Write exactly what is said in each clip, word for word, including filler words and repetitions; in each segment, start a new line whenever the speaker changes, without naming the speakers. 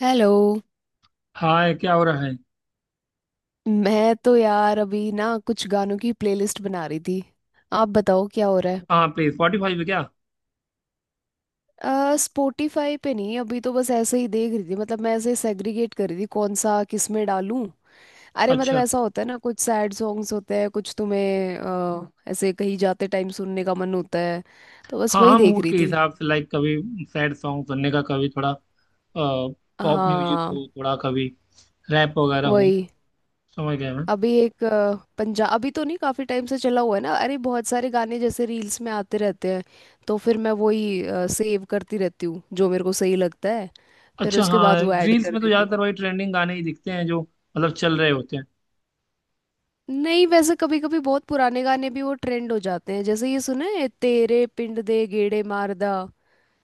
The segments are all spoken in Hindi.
हेलो।
हाय, क्या हो रहा है?
मैं तो यार अभी ना कुछ गानों की प्लेलिस्ट बना रही थी। आप बताओ क्या हो रहा है।
हाँ, प्ले स्पॉटिफाई पे क्या?
आ, स्पॉटिफाई पे नहीं, अभी तो बस ऐसे ही देख रही थी, मतलब मैं ऐसे सेग्रीगेट कर रही थी कौन सा किस में डालूं। अरे मतलब
अच्छा।
ऐसा होता है ना, कुछ सैड सॉन्ग्स होते हैं, कुछ तुम्हें अ, ऐसे कहीं जाते टाइम सुनने का मन होता है। तो बस
हाँ
वही
हाँ,
देख
मूड
रही
के
थी।
हिसाब से, लाइक कभी सैड सॉन्ग सुनने का, कभी थोड़ा पॉप म्यूजिक
हाँ।
हो, थोड़ा कभी रैप वगैरह हो।
वही।
समझ गया मैं।
अभी एक पंजाब अभी तो नहीं, काफी टाइम से चला हुआ है ना, अरे बहुत सारे गाने जैसे रील्स में आते रहते हैं। तो फिर मैं वही सेव करती रहती हूँ जो मेरे को सही लगता है, फिर
अच्छा,
उसके बाद
हाँ
वो ऐड
रील्स
कर
में तो
देती हूँ।
ज़्यादातर वही ट्रेंडिंग गाने ही दिखते हैं जो मतलब चल रहे होते हैं।
नहीं वैसे, कभी कभी बहुत पुराने गाने भी वो ट्रेंड हो जाते हैं, जैसे ये सुना है, तेरे पिंड दे गेड़े मारदा।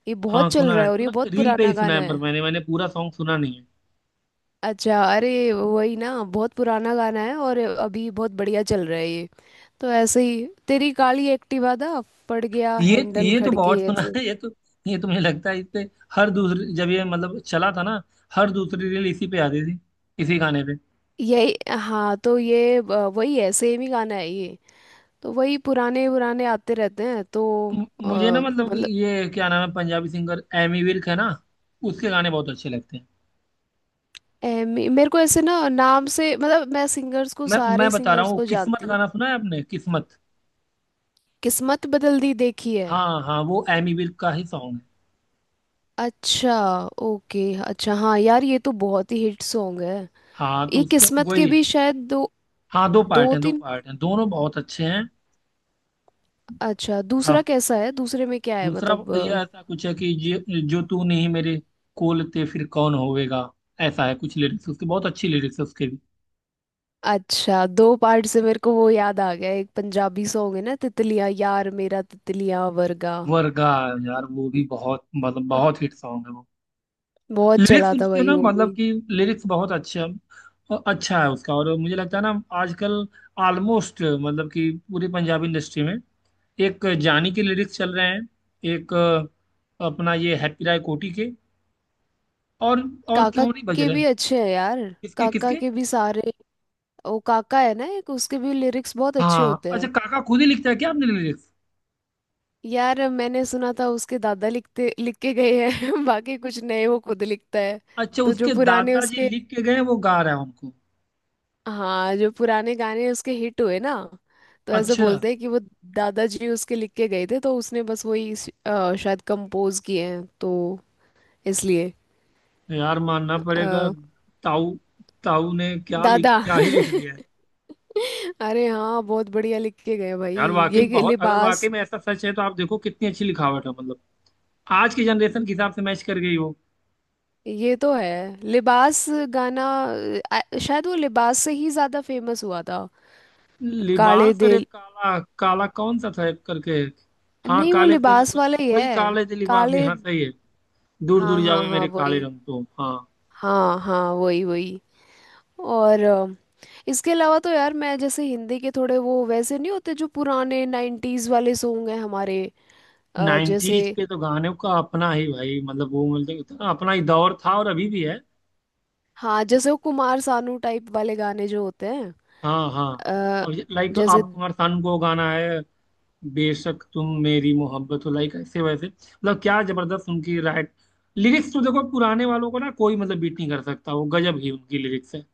ये
हाँ
बहुत चल
सुना
रहा
है,
है और ये
सुना,
बहुत
रील पे
पुराना
ही सुना
गाना
है, पर
है।
मैंने मैंने पूरा सॉन्ग सुना नहीं है।
अच्छा अरे वही ना, बहुत पुराना गाना है और अभी बहुत बढ़िया चल रहा है ये। तो ऐसे ही, तेरी काली एक्टिवा दा पड़ गया
ये
हैंडल
ये तो
खड़के
बहुत सुना
ऐसे।
है ये तो। ये तो मुझे लगता है इस पे हर दूसरी, जब ये मतलब चला था ना, हर दूसरी रील इसी पे आती थी, इसी गाने पे।
यही हाँ। तो ये अ, वही है, सेम ही गाना है ये। तो वही पुराने पुराने आते रहते हैं तो।
म-
अ,
मुझे ना, मतलब कि
मतलब
ये क्या नाम है, पंजाबी सिंगर एमी विर्क है ना, उसके गाने बहुत अच्छे लगते हैं।
ए, मे- मेरे को ऐसे ना नाम से, मतलब मैं सिंगर्स को
मैं मैं
सारे
बता रहा
सिंगर्स
हूँ,
को
किस्मत
जानती हूँ।
गाना सुना है आपने? किस्मत।
किस्मत बदल दी देखी है।
हाँ हाँ, वो एमी विर्क का ही सॉन्ग है।
अच्छा ओके। अच्छा हाँ यार, ये तो बहुत ही हिट सॉन्ग है।
हाँ तो
ये
उसके
किस्मत के
वही।
भी शायद दो,
हाँ, दो पार्ट
दो
हैं, दो
तीन।
पार्ट हैं, दोनों बहुत अच्छे हैं।
अच्छा दूसरा
हाँ,
कैसा है, दूसरे में क्या है
दूसरा
मतलब।
ये ऐसा कुछ है कि जो जो तू नहीं मेरे कोल ते फिर कौन होएगा, ऐसा है कुछ लिरिक्स, उसके बहुत अच्छी लिरिक्स है उसके भी।
अच्छा दो पार्ट से मेरे को वो याद आ गया, एक पंजाबी सॉन्ग है ना, तितलिया, यार मेरा तितलिया वर्गा।
वर्गा, यार वो भी बहुत, मतलब बहुत हिट सॉन्ग है वो।
बहुत
लिरिक्स
चला था
उसके
भाई
ना,
वो
मतलब
भी।
कि लिरिक्स बहुत अच्छे अ- अच्छा है उसका, और मुझे लगता है ना आजकल, ऑलमोस्ट मतलब कि पूरी पंजाबी इंडस्ट्री में एक जानी के लिरिक्स चल रहे हैं। एक अ, अपना ये हैप्पी राय कोटी के, और और
काका
क्यों नहीं बज
के
रहे हैं?
भी अच्छे हैं यार,
किसके
काका
किसके?
के भी सारे। वो काका है ना एक, उसके भी लिरिक्स बहुत अच्छे
हाँ,
होते
अच्छा
हैं।
काका खुद ही लिखता है क्या आपने लिरिक्स?
यार मैंने सुना था, उसके दादा लिखते लिख के गए हैं बाकी कुछ नए वो खुद लिखता है।
अच्छा,
तो जो
उसके
पुराने
दादाजी
उसके,
लिख के गए, वो गा रहा है उनको?
हाँ जो पुराने गाने उसके हिट हुए ना, तो ऐसे
अच्छा।
बोलते हैं कि वो दादाजी उसके लिख के गए थे, तो उसने बस वही श- अ, शायद कंपोज किए हैं तो, इसलिए।
यार मानना पड़ेगा।
अ,
ताऊ, ताऊ ने क्या लिख,
दादा।
क्या ही लिख दिया है।
अरे हाँ बहुत बढ़िया लिख के गए भाई।
यार वाकई
ये
में
कि
बहुत, अगर वाकई
लिबास।
में ऐसा सच है, तो आप देखो कितनी अच्छी लिखावट है मतलब, आज की जनरेशन के हिसाब से मैच कर गई हो।
ये तो है लिबास। गाना अ, आ- शायद वो लिबास से ही ज्यादा फेमस हुआ था। काले
लिबास और एक
दिल।
काला, काला कौन सा था एक करके? हाँ,
नहीं वो
काले दे
लिबास
लिबास।
वाला ही
वही
है।
काले दे लिबास जी,
काले।
हाँ सही है। दूर
हाँ
दूर
हाँ
जावे
हाँ
मेरे काले
वही।
रंग, तो हाँ।
हाँ हाँ वही वही। और अ, इसके अलावा तो यार, मैं जैसे हिंदी के थोड़े वो वैसे नहीं होते जो पुराने नाइन्टीज वाले सॉन्ग हैं हमारे। अ, जैसे।
नाइन्टीज के तो गानों का अपना ही भाई, मतलब वो, मतलब इतना अपना ही दौर था, और अभी भी है।
हाँ जैसे वो कुमार सानू टाइप वाले गाने जो होते हैं।
हाँ हाँ।
अ,
अब लाइक
जैसे।
आप कुमार सानू को गाना है, बेशक तुम मेरी मोहब्बत हो, लाइक ऐसे वैसे मतलब क्या जबरदस्त उनकी, राइट? लिरिक्स तो देखो पुराने वालों को ना, कोई मतलब बीट नहीं कर सकता, वो गजब ही उनकी लिरिक्स है।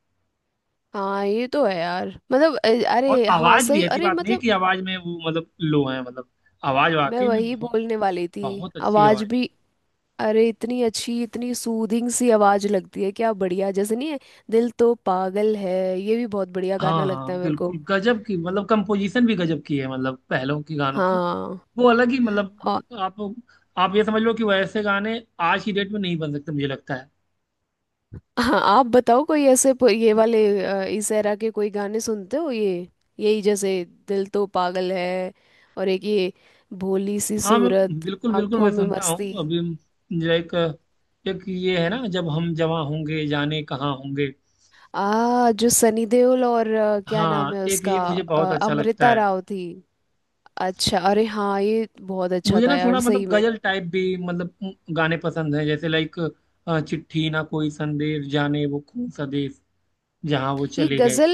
हाँ ये तो है यार, मतलब अ,
और
अरे हाँ
आवाज भी,
सही,
ऐसी
अरे
बात नहीं
मतलब
कि आवाज में वो मतलब लो है मतलब, आवाज
मैं
वाकई में
वही
बहुत,
बोलने वाली थी।
बहुत अच्छी
आवाज
आवाज।
भी, अरे इतनी अच्छी, इतनी सूदिंग सी आवाज लगती है, क्या बढ़िया जैसे नहीं है दिल तो पागल है, ये भी बहुत बढ़िया गाना
हाँ हाँ
लगता है मेरे को।
बिल्कुल, गजब की, मतलब कंपोजिशन भी गजब की है मतलब, पहलों की गानों की,
हाँ
वो अलग ही मतलब, आप आप ये समझ लो कि वैसे गाने आज की डेट में नहीं बन सकते, मुझे लगता है।
हाँ। आप बताओ कोई ऐसे प- ये वाले अ, इस एरा के कोई गाने सुनते हो ये। यही जैसे दिल तो पागल है। और एक ये, भोली सी
हाँ मैं,
सूरत
बिल्कुल बिल्कुल
आंखों
मैं
में
सुनता
मस्ती।
हूँ अभी, लाइक एक ये है ना, जब हम जवां होंगे, जाने कहाँ होंगे।
आ जो सनी देओल और अ, क्या नाम
हाँ
है
एक ये
उसका
मुझे
अ,
बहुत अच्छा लगता
अमृता
है।
राव थी। अच्छा अरे हाँ ये बहुत अच्छा
मुझे
था
ना थोड़ा
यार सही
मतलब
में।
गजल टाइप भी, मतलब उम, गाने पसंद है, जैसे लाइक चिट्ठी ना कोई संदेश, जाने वो कौन सा देश जहाँ वो
ये
चले गए।
गजल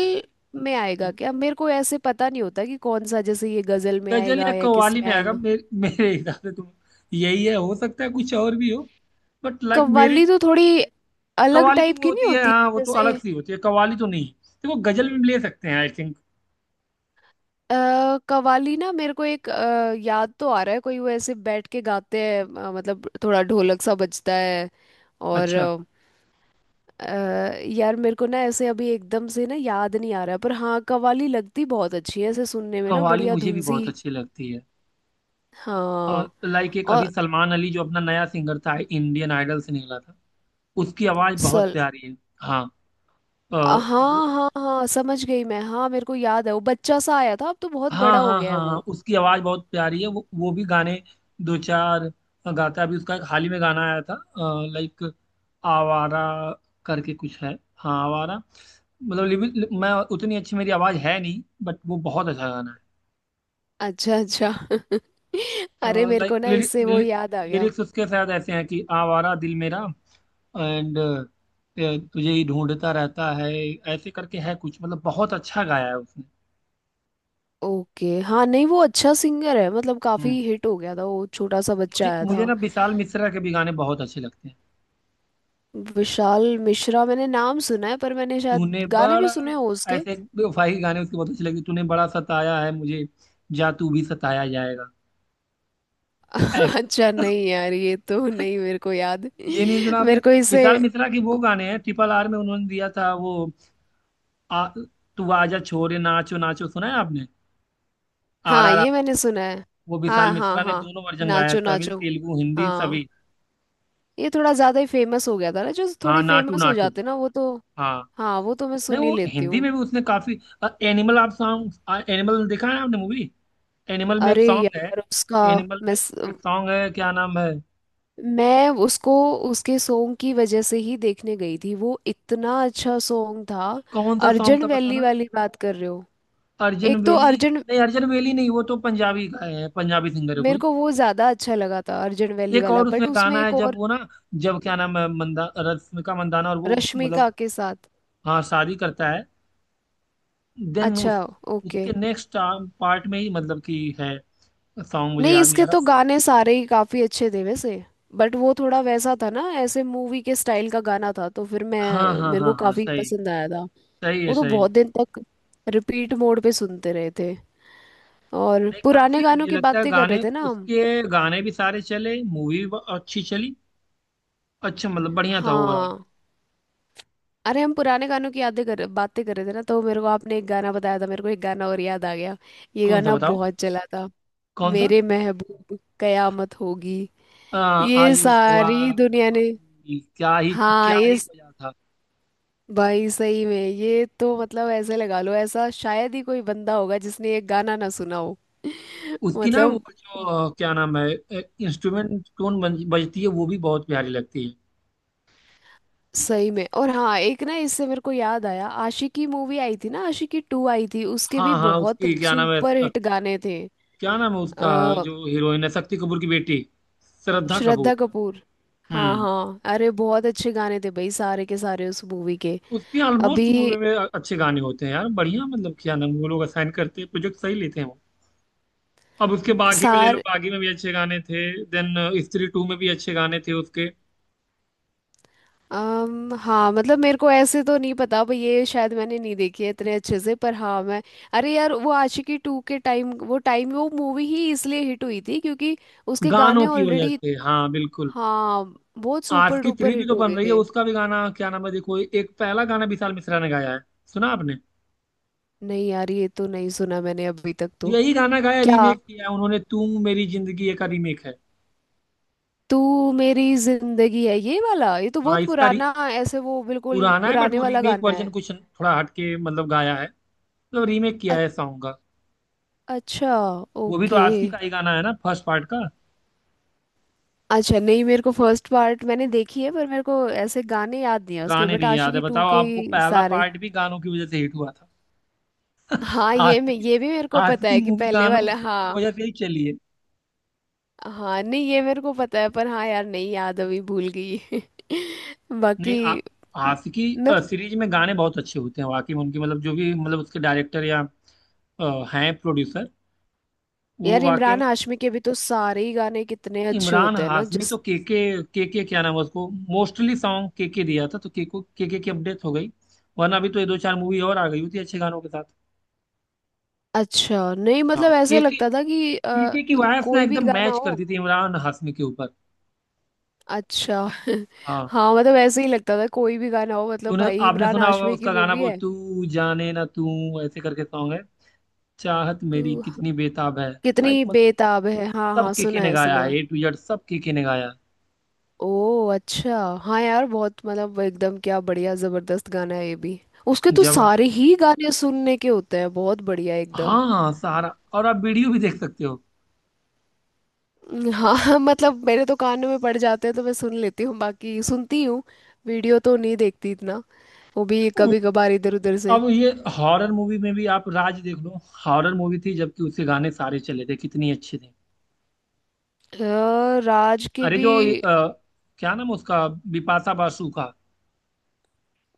में आएगा क्या, मेरे को ऐसे पता नहीं होता कि कौन सा, जैसे ये गजल में
गजल या
आएगा या किस
कव्वाली
में
में आएगा,
आएगा।
मेरे मेरे हिसाब से तो यही है, हो सकता है कुछ और भी हो, बट लाइक मेरे।
कव्वाली तो थोड़ी अलग
कव्वाली तो
टाइप
वो
की नहीं
होती है,
होती।
हाँ वो तो
जैसे
अलग सी होती है, कव्वाली तो नहीं। देखो गजल भी ले सकते हैं, आई थिंक।
अ, कव्वाली ना, मेरे को एक अ, याद तो आ रहा है, कोई वो ऐसे बैठ के गाते हैं, अ, मतलब थोड़ा ढोलक सा बजता है, और
अच्छा।
अ, अ, यार मेरे को ना ऐसे अभी एकदम से ना याद नहीं आ रहा है, पर हाँ कव्वाली लगती बहुत अच्छी है ऐसे सुनने में, ना
कव्वाली
बढ़िया
मुझे भी
धुन सी।
बहुत अच्छी लगती है, और
हाँ।
लाइक एक अभी
और
सलमान अली, जो अपना नया सिंगर था, इंडियन आइडल से निकला था, उसकी आवाज बहुत
सल।
प्यारी है। हाँ, अ,
हाँ
वो-
हाँ हाँ समझ गई मैं, हाँ मेरे को याद है, वो बच्चा सा आया था, अब तो बहुत
हाँ
बड़ा हो
हाँ
गया है
हाँ हाँ,
वो।
उसकी आवाज बहुत प्यारी है, वो वो भी गाने दो चार गाता है। अभी उसका एक हाल ही में गाना आया था, लाइक आवारा करके कुछ है। हाँ आवारा। मतलब लिरिक- मैं उतनी अच्छी मेरी आवाज है नहीं, बट वो बहुत अच्छा गाना
अच्छा अच्छा। अरे
है।
मेरे
लाइक
को ना इससे वो याद आ गया।
लिरिक्स उसके शायद ऐसे हैं कि आवारा दिल मेरा एंड तुझे ही ढूंढता रहता है, ऐसे करके है कुछ, मतलब बहुत अच्छा गाया है उसने।
ओके हाँ नहीं वो अच्छा सिंगर है, मतलब काफी
हम्म।
हिट हो गया था वो, छोटा सा बच्चा
मुझे
आया
मुझे
था।
ना विशाल मिश्रा के भी गाने बहुत अच्छे लगते हैं।
विशाल मिश्रा मैंने नाम सुना है, पर मैंने शायद
तूने
गाने भी
बड़ा,
सुने हो उसके।
ऐसे बेवफाई गाने उसके बहुत अच्छे लगे, तूने बड़ा सताया है मुझे, जा तू भी सताया जाएगा। ऐसा,
अच्छा नहीं यार, ये तो नहीं मेरे को याद।
ये नहीं सुना आपने?
मेरे को इसे।
विशाल मिश्रा के वो गाने हैं, ट्रिपल आर में उन्होंने दिया था वो, आ, तू आजा छोरे, नाचो नाचो, सुना है आपने? आर
हाँ
आर आर
ये मैंने सुना है।
वो विशाल
हाँ हाँ
मिश्रा ने
हाँ।
दोनों वर्जन गाया है,
नाचो
तमिल
नाचो।
तेलुगु हिंदी सभी।
हाँ ये थोड़ा ज्यादा ही फेमस हो गया था ना, जो
हाँ
थोड़े
नाटू
फेमस हो
नाटू।
जाते ना वो तो।
हाँ
हाँ वो तो मैं
नहीं,
सुन ही
वो
लेती
हिंदी
हूँ।
में भी उसने काफी अ, एनिमल आप सॉन्ग, अ, एनिमल देखा है आपने मूवी? एनिमल में एक
अरे
सॉन्ग है,
यार उसका,
एनिमल
मैं
में एक सॉन्ग है, क्या नाम है?
मैं उसको, उसके सॉन्ग की वजह से ही देखने गई थी, वो इतना अच्छा सॉन्ग था।
कौन सा सॉन्ग
अर्जन
था
वैली
बताना?
वाली बात कर रहे हो।
अर्जन
एक तो
वेली,
अर्जन,
नहीं अर्जन वेली नहीं, वो तो पंजाबी का है, पंजाबी सिंगर है
मेरे
कोई।
को वो ज्यादा अच्छा लगा था अर्जन वैली
एक
वाला,
और उसमें
बट उसमें
गाना है,
एक
जब
और,
वो ना जब क्या नाम है, मंदा, रश्मिका मंदाना, और वो
रश्मिका
मतलब
के साथ।
हाँ शादी करता है, देन
अच्छा
उस,
ओके।
उसके नेक्स्ट पार्ट में ही मतलब कि है, सॉन्ग मुझे
नहीं
याद नहीं
इसके
आ
तो
रहा।
गाने सारे ही काफी अच्छे थे वैसे, बट वो थोड़ा वैसा था ना, ऐसे मूवी के स्टाइल का गाना था, तो फिर
हाँ
मैं
हाँ
मेरे
हाँ
को
हाँ
काफी
सही,
पसंद आया था।
सही है
वो तो
सही।
बहुत दिन तक रिपीट मोड पे सुनते रहे थे, और
नहीं काफी,
पुराने गानों
मुझे
की
लगता है
बातें कर रहे
गाने,
थे ना हम।
उसके गाने भी सारे चले, मूवी भी अच्छी चली, अच्छा मतलब बढ़िया था ओवरऑल।
हाँ। अरे हम पुराने गानों की यादें कर बातें कर रहे थे ना, तो मेरे को आपने एक गाना बताया था, मेरे को एक गाना और याद आ गया। ये
कौन सा
गाना
बताओ?
बहुत चला था।
कौन सा?
मेरे महबूब कयामत होगी,
आ,
ये
आज ये रुसवा
सारी दुनिया ने।
भाई, क्या ही
हाँ
क्या
ये
ही
स-
मजा था।
भाई सही में ये तो, मतलब ऐसे लगा लो, ऐसा शायद ही कोई बंदा होगा जिसने ये गाना ना सुना हो।
उसकी ना वो
मतलब
जो क्या नाम है इंस्ट्रूमेंट टोन बज, बजती है, वो भी बहुत प्यारी लगती है।
सही में। और हाँ एक ना, इससे मेरे को याद आया, आशिकी मूवी आई थी ना, आशिकी टू आई थी, उसके भी
हाँ हाँ,
बहुत
उसकी क्या नाम है,
सुपर हिट गाने थे।
क्या नाम है उसका,
अ,
जो हीरोइन है, शक्ति कपूर की बेटी, श्रद्धा
श्रद्धा
कपूर।
कपूर। हाँ
हम्म।
हाँ अरे बहुत अच्छे गाने थे भाई, सारे के सारे उस मूवी के।
उसके ऑलमोस्ट
अभी
मूवी में अच्छे गाने होते हैं यार, बढ़िया, मतलब क्या नाम वो लोग असाइन करते हैं, प्रोजेक्ट सही लेते हैं वो। अब उसके बागी में ले लो,
सार।
बागी में भी अच्छे गाने थे। देन स्त्री टू में भी अच्छे गाने थे उसके।
अम, हाँ मतलब मेरे को ऐसे तो नहीं पता भाई, ये शायद मैंने नहीं देखी है इतने अच्छे से, पर हाँ मैं, अरे यार वो आशिकी टू के टाइम, वो टाइम वो मूवी ही इसलिए हिट हुई थी क्योंकि उसके गाने
गानों की वजह
ऑलरेडी।
से, हाँ बिल्कुल।
हाँ बहुत
आज
सुपर
की
डुपर
थ्री भी
हिट
तो
हो
बन
गए
रही है,
थे।
उसका भी गाना क्या नाम है, देखो एक पहला गाना विशाल मिश्रा ने गाया है। सुना आपने?
नहीं यार ये तो नहीं सुना मैंने अभी तक तो।
यही गाना गाया,
क्या?
रीमेक किया है उन्होंने, तुम मेरी जिंदगी ये का रीमेक है।
तू मेरी जिंदगी है ये वाला, ये तो
हाँ
बहुत
इसका री-
पुराना ऐसे, वो बिल्कुल
पुराना है, बट
पुराने
वो
वाला
रीमेक
गाना
वर्जन
है।
कुछ थोड़ा हटके मतलब गाया है, मतलब रीमेक
अ-
किया है सॉन्ग का।
अच्छा
वो भी तो
ओके।
आशिकी का ही गाना है ना, फर्स्ट पार्ट का।
अच्छा नहीं मेरे को फर्स्ट पार्ट मैंने देखी है, पर मेरे को ऐसे गाने याद नहीं है उसके,
गाने
बट
नहीं याद है?
आशिकी टू
बताओ,
के
आपको
ही
पहला
सारे।
पार्ट भी गानों की वजह से हिट हुआ था।
हाँ ये मैं,
आशिकी,
ये भी मेरे को पता
आशिकी
है कि
मूवी
पहले
गानों
वाला,
की
हाँ।
वजह से ही चली है।
हाँ नहीं ये मेरे को पता है, पर हाँ यार नहीं याद अभी, भूल गई। बाकी
नहीं आ, आशिकी
मैं।
सीरीज में गाने बहुत अच्छे होते हैं वाकई में उनके, मतलब जो भी मतलब उसके डायरेक्टर या अ, हैं प्रोड्यूसर, वो
यार
वाकई
इमरान
में।
हाशमी के भी तो सारे ही गाने कितने अच्छे
इमरान
होते हैं ना
हाशमी तो
जिस।
के के के के क्या नाम है उसको, मोस्टली सॉन्ग के के दिया था, तो के को, के के की अपडेट हो गई, वरना अभी तो ये दो चार मूवी और आ गई होती है अच्छे गानों के साथ।
अच्छा नहीं
हाँ
मतलब ऐसे
के के
लगता था कि अ,
पीके की वाइफ ना
कोई भी
एकदम
गाना
मैच
हो।
करती थी इमरान हाशमी के ऊपर।
अच्छा।
हाँ
हाँ मतलब ऐसे ही लगता था कोई भी गाना हो, मतलब
तूने,
भाई
आपने
इमरान
सुना होगा
हाशमी की
उसका गाना
मूवी
वो,
है।
तू जाने ना, तू ऐसे करके सॉन्ग है, चाहत मेरी
तो हाँ,
कितनी बेताब है। लाइक
कितनी
मतलब
बेताब है, हाँ
सब
हाँ
केके
सुना
ने
है
गाया
सुना
है,
है।
ए टू जेड सब केके ने गाया
ओ अच्छा। हाँ यार बहुत मतलब एकदम क्या बढ़िया जबरदस्त गाना है ये भी। उसके
है
तो
जबर,
सारे ही गाने सुनने के होते हैं, बहुत बढ़िया एकदम।
हाँ सारा। और आप वीडियो भी देख सकते हो।
हाँ। मतलब मेरे तो कानों में पड़ जाते हैं तो मैं सुन लेती हूँ, बाकी सुनती हूँ। वीडियो तो नहीं देखती इतना, वो भी
वो-
कभी कभार इधर उधर से।
अब ये हॉरर मूवी में भी आप राज देख लो, हॉरर मूवी थी जबकि, उसके गाने सारे चले थे, कितनी अच्छे थे।
अ, राज के
अरे
भी।
जो ये, अ, क्या नाम उसका, बिपाशा बासु का,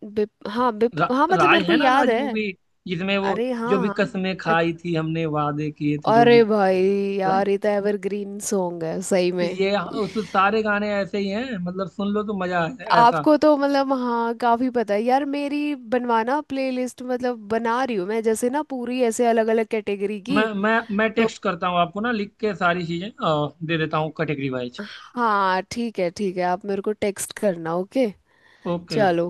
बिप, हाँ
रा,
बिप हाँ, मतलब
राज
मेरे को
है ना,
याद
राज
है।
मूवी जिसमें वो,
अरे
जो
हाँ
भी
हाँ।
कसमें
अ-
खाई थी हमने, वादे किए थे जो
अरे
भी।
भाई,
लाइक
यार ये तो एवरग्रीन सॉन्ग है सही में।
ये उस सारे गाने ऐसे ही हैं, मतलब सुन लो तो मजा आए ऐसा।
आपको तो मतलब हाँ काफी पता है यार, मेरी बनवाना प्लेलिस्ट, मतलब बना रही हूँ मैं जैसे ना पूरी ऐसे अलग अलग कैटेगरी
मैं
की।
मैं मैं
तो
टेक्स्ट करता हूँ आपको ना, लिख के सारी चीजें अ, दे देता हूँ कैटेगरी वाइज।
हाँ ठीक है ठीक है, आप मेरे को टेक्स्ट करना, ओके।
ओके।
चलो,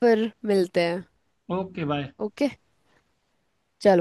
फिर मिलते हैं।
Okay, bye.
ओके। चलो।